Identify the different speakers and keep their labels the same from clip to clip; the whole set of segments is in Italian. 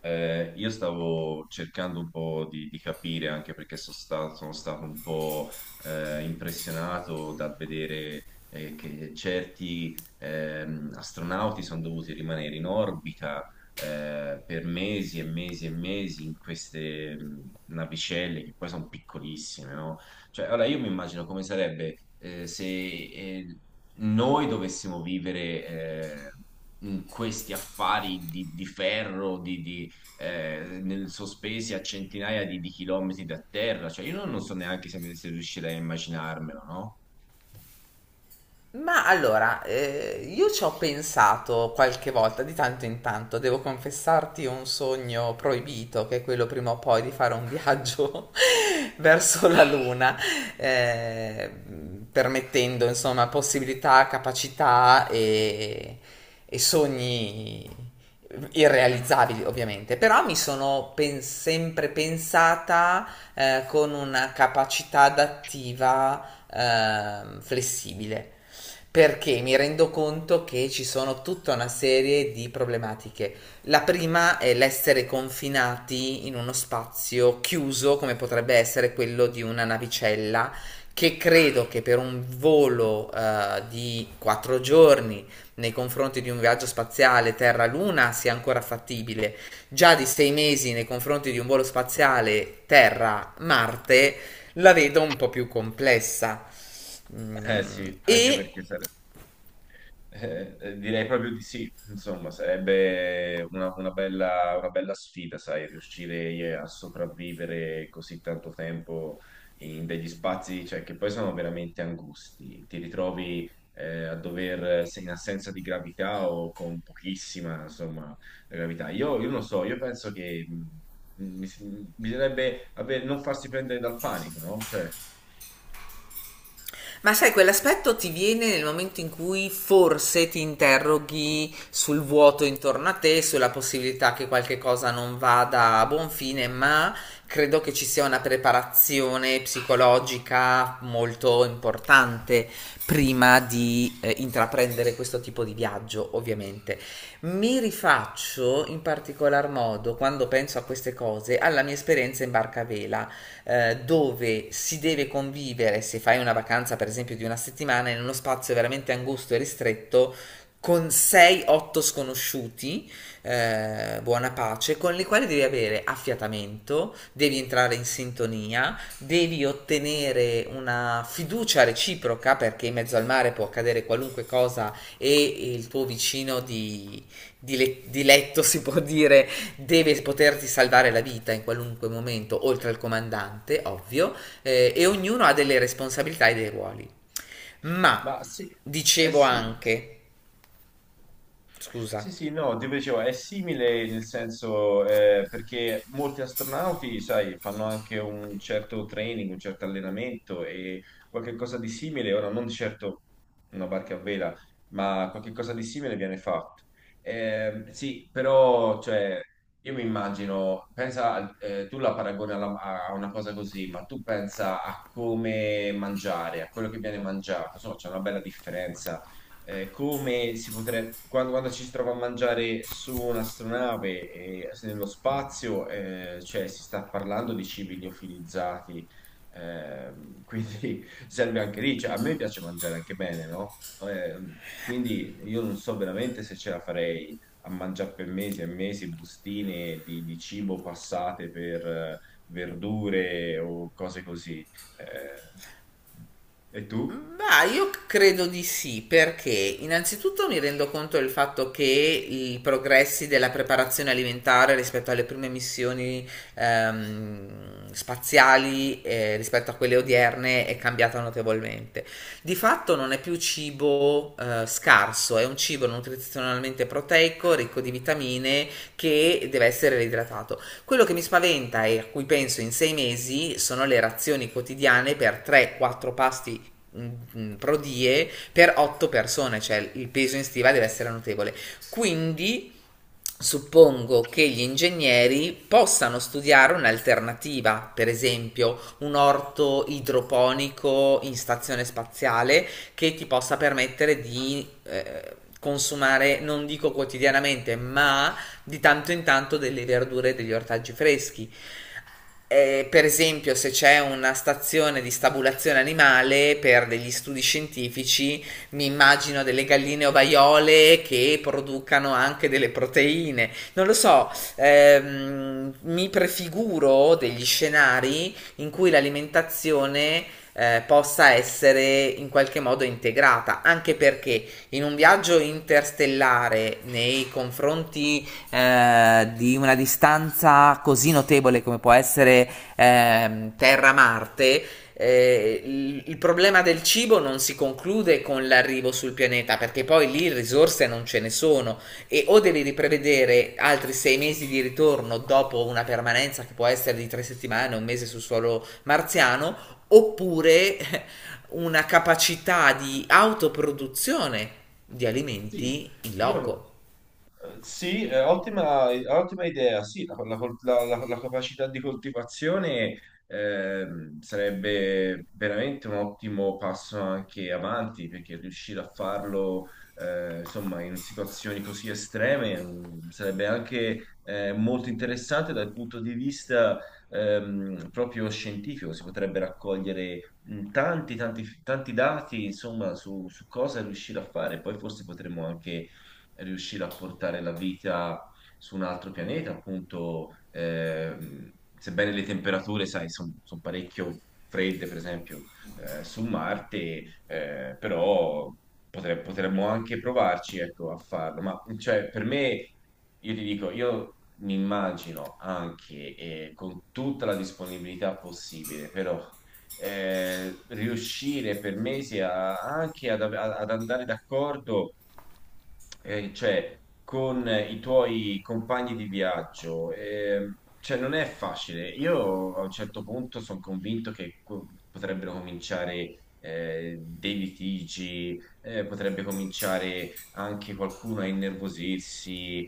Speaker 1: Io stavo cercando un po' di capire, anche perché sono stato un po' impressionato dal vedere che certi astronauti sono dovuti rimanere in orbita per mesi e mesi e mesi in queste navicelle che poi sono piccolissime, no? Cioè, allora io mi immagino come sarebbe se noi dovessimo vivere in questi affari di ferro, sospesi a centinaia di chilometri da terra. Cioè, io non so neanche se riuscirei a immaginarmelo, no?
Speaker 2: Ma allora, io ci ho pensato qualche volta, di tanto in tanto, devo confessarti un sogno proibito, che è quello prima o poi di fare un viaggio verso la Luna, eh, permettendo insomma possibilità, capacità e sogni irrealizzabili ovviamente, però mi sono sempre pensata con una capacità adattiva flessibile perché mi rendo conto che ci sono tutta una serie di problematiche. La prima è l'essere confinati in uno spazio chiuso, come potrebbe essere quello di una navicella, che credo che per un volo di 4 giorni nei confronti di un viaggio spaziale Terra-Luna sia ancora fattibile, già di 6 mesi nei confronti di un volo spaziale Terra-Marte la vedo un po' più complessa.
Speaker 1: Eh
Speaker 2: Mm,
Speaker 1: sì, anche
Speaker 2: e
Speaker 1: perché direi proprio di sì, insomma, sarebbe una bella sfida, sai, riuscire a sopravvivere così tanto tempo in degli spazi, cioè, che poi sono veramente angusti. Ti ritrovi a dover, se in assenza di gravità o con pochissima, insomma, gravità. Io non so, io penso che mh, mi si- bisognerebbe avere- non farsi prendere dal panico, no? Cioè,
Speaker 2: Ma sai, quell'aspetto ti viene nel momento in cui forse ti interroghi sul vuoto intorno a te, sulla possibilità che qualche cosa non vada a buon fine, ma credo che ci sia una preparazione psicologica molto importante prima di intraprendere questo tipo di viaggio, ovviamente. Mi rifaccio in particolar modo, quando penso a queste cose, alla mia esperienza in barca a vela dove si deve convivere, se fai una vacanza per esempio di una settimana, in uno spazio veramente angusto e ristretto, con 6-8 sconosciuti, buona pace, con i quali devi avere affiatamento, devi entrare in sintonia, devi ottenere una fiducia reciproca perché in mezzo al mare può accadere qualunque cosa e il tuo vicino di letto si può dire deve poterti salvare la vita in qualunque momento, oltre al comandante, ovvio, e ognuno ha delle responsabilità e dei ruoli. Ma
Speaker 1: ma sì, eh
Speaker 2: dicevo
Speaker 1: sì.
Speaker 2: anche, scusa.
Speaker 1: Sì, sì, no, ti dicevo, è simile nel senso perché molti astronauti, sai, fanno anche un certo training, un certo allenamento e qualcosa di simile, ora non di certo una barca a vela, ma qualcosa di simile viene fatto. Sì, però, cioè, io mi immagino, pensa, tu la paragoni a una cosa così, ma tu pensa a come mangiare, a quello che viene mangiato, insomma, c'è una bella differenza come si potrebbe, quando, quando ci si trova a mangiare su un'astronave e nello spazio, cioè si sta parlando di cibi liofilizzati, quindi serve anche lì. Cioè, a me piace mangiare anche bene, no? Quindi io non so veramente se ce la farei a mangiare per mesi e mesi bustine di cibo passate per verdure o cose così. E tu?
Speaker 2: Ma io credo di sì, perché innanzitutto mi rendo conto del fatto che i progressi della preparazione alimentare rispetto alle prime missioni spaziali, rispetto a quelle odierne, è cambiata notevolmente. Di fatto non è più cibo scarso, è un cibo nutrizionalmente proteico, ricco di vitamine, che deve essere reidratato. Quello che mi spaventa e a cui penso in 6 mesi sono le razioni quotidiane per 3-4 pasti mm, prodie per 8 persone, cioè il peso in stiva deve essere notevole. Quindi suppongo che gli ingegneri possano studiare un'alternativa, per esempio un orto idroponico in stazione spaziale che ti possa permettere di consumare, non dico quotidianamente, ma di tanto in tanto delle verdure e degli ortaggi freschi. Per esempio, se c'è una stazione di stabulazione animale per degli studi scientifici, mi immagino delle galline ovaiole che producano anche delle proteine. Non lo so, mi prefiguro degli scenari in cui l'alimentazione possa essere in qualche modo integrata, anche perché in un viaggio interstellare nei confronti di una distanza così notevole come può essere Terra-Marte, il problema del cibo non si conclude con l'arrivo sul pianeta perché poi lì risorse non ce ne sono e o devi riprevedere altri 6 mesi di ritorno dopo una permanenza che può essere di 3 settimane, un mese sul suolo marziano, oppure una capacità di autoproduzione di
Speaker 1: Sì,
Speaker 2: alimenti in
Speaker 1: io,
Speaker 2: loco.
Speaker 1: Sì, ottima idea. Sì, la capacità di coltivazione sarebbe veramente un ottimo passo anche avanti, perché riuscire a farlo, insomma, in situazioni così estreme sarebbe anche molto interessante dal punto di vista proprio scientifico. Si potrebbe raccogliere tanti, tanti, tanti dati, insomma, su, su cosa riuscire a fare. Poi forse potremmo anche riuscire a portare la vita su un altro pianeta, appunto, sebbene le temperature, sai, sono parecchio fredde, per esempio, su Marte, però potremmo anche provarci, ecco, a farlo. Ma cioè, per me, io ti dico, io mi immagino anche con tutta la disponibilità possibile, però riuscire per mesi anche ad andare d'accordo cioè, con i tuoi compagni di viaggio, cioè, non è facile. Io a un certo punto sono convinto che potrebbero cominciare dei litigi, potrebbe cominciare anche qualcuno a innervosirsi.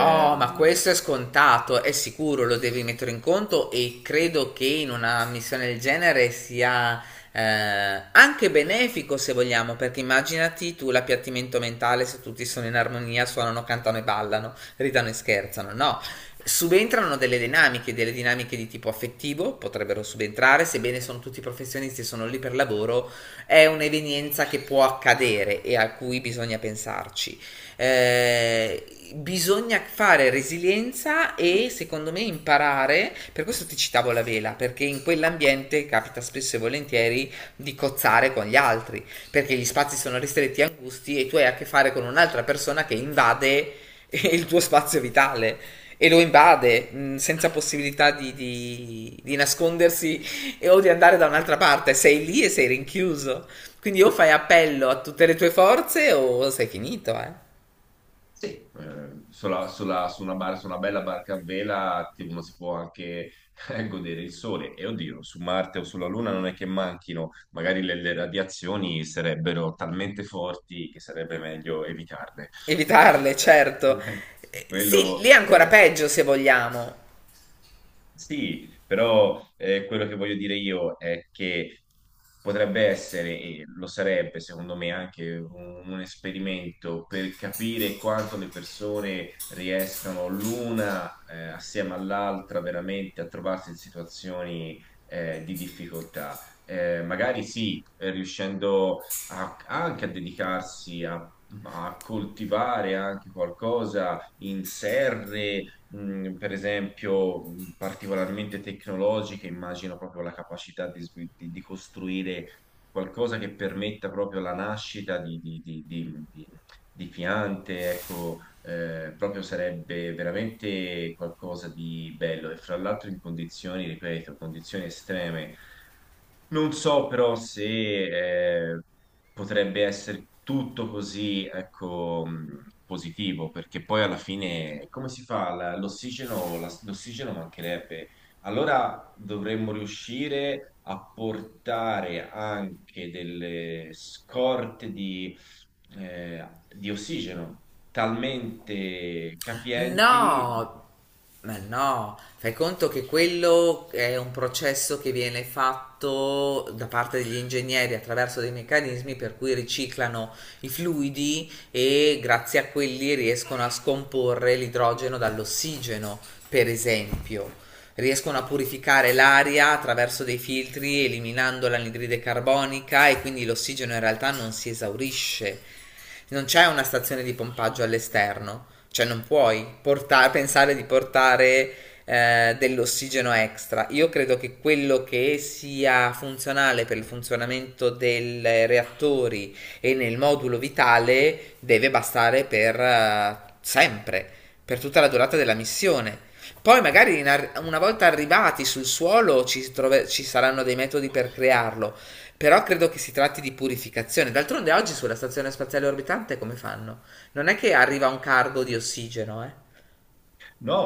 Speaker 2: Oh, ma questo è scontato, è sicuro, lo devi mettere in conto e credo che in una missione del genere sia anche benefico se vogliamo, perché immaginati tu l'appiattimento mentale se tutti sono in armonia, suonano, cantano e ballano, ridano e scherzano, no? Subentrano delle dinamiche di tipo affettivo, potrebbero subentrare, sebbene sono tutti professionisti e sono lì per lavoro, è un'evenienza che può accadere e a cui bisogna pensarci. Eh, Bisogna fare resilienza e secondo me imparare, per questo ti citavo la vela, perché in quell'ambiente capita spesso e volentieri di cozzare con gli altri, perché gli spazi sono ristretti e angusti e tu hai a che fare con un'altra persona che invade il tuo spazio vitale e lo invade senza possibilità di nascondersi o di andare da un'altra parte, sei lì e sei rinchiuso. Quindi o fai appello a tutte le tue forze o sei finito, eh.
Speaker 1: Sì. Su una bella barca a vela uno si può anche godere il sole. E oddio, su Marte o sulla Luna non è che manchino, magari le radiazioni sarebbero talmente forti che sarebbe meglio evitarle, perché
Speaker 2: Evitarle, certo. Sì,
Speaker 1: quello
Speaker 2: lì è ancora peggio se vogliamo.
Speaker 1: sì, però quello che voglio dire io è che potrebbe essere, e lo sarebbe secondo me anche un esperimento per capire quanto le persone riescano l'una assieme all'altra veramente a trovarsi in situazioni di difficoltà. Magari sì, riuscendo anche a dedicarsi a a coltivare anche qualcosa in serre per esempio, particolarmente tecnologiche, immagino proprio la capacità di, di costruire qualcosa che permetta proprio la nascita di piante, ecco, proprio sarebbe veramente qualcosa di bello. E fra l'altro in condizioni, ripeto, condizioni estreme. Non so però se eh, potrebbe essere tutto così, ecco, positivo, perché poi alla fine come si fa? L'ossigeno, l'ossigeno mancherebbe. Allora dovremmo riuscire a portare anche delle scorte di ossigeno, talmente capienti.
Speaker 2: No, ma no, fai conto che quello è un processo che viene fatto da parte degli ingegneri attraverso dei meccanismi per cui riciclano i fluidi e grazie a quelli riescono a scomporre l'idrogeno dall'ossigeno, per esempio. Riescono a purificare l'aria attraverso dei filtri eliminando l'anidride carbonica e quindi l'ossigeno in realtà non si esaurisce. Non c'è una stazione di pompaggio all'esterno, cioè non puoi portare, pensare di portare dell'ossigeno extra. Io credo che quello che sia funzionale per il funzionamento dei reattori e nel modulo vitale deve bastare per sempre, per tutta la durata della missione. Poi magari una volta arrivati sul suolo ci saranno dei metodi per crearlo, però credo che si tratti di purificazione. D'altronde oggi sulla stazione spaziale orbitante come fanno? Non è che arriva un cargo di ossigeno, eh?
Speaker 1: No,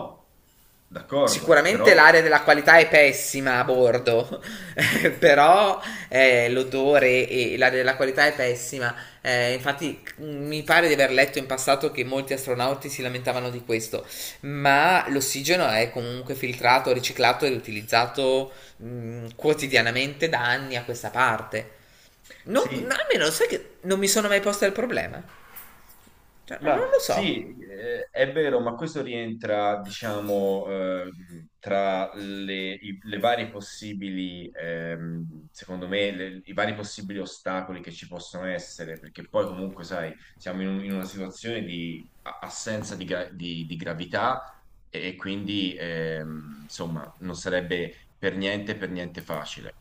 Speaker 1: d'accordo,
Speaker 2: Sicuramente
Speaker 1: però
Speaker 2: l'area della qualità è pessima a bordo, però l'odore e l'area della qualità è pessima. Infatti, mi pare di aver letto in passato che molti astronauti si lamentavano di questo, ma l'ossigeno è comunque filtrato, riciclato e riutilizzato quotidianamente da anni a questa parte. Non,
Speaker 1: sì,
Speaker 2: almeno sai che non mi sono mai posta il problema. Cioè, non
Speaker 1: ma
Speaker 2: lo so.
Speaker 1: sì, è vero, ma questo rientra, diciamo, tra le, le varie possibili, secondo me, i vari possibili ostacoli che ci possono essere, perché poi comunque, sai, siamo in, in una situazione di assenza di, di gravità e quindi, insomma, non sarebbe per niente facile.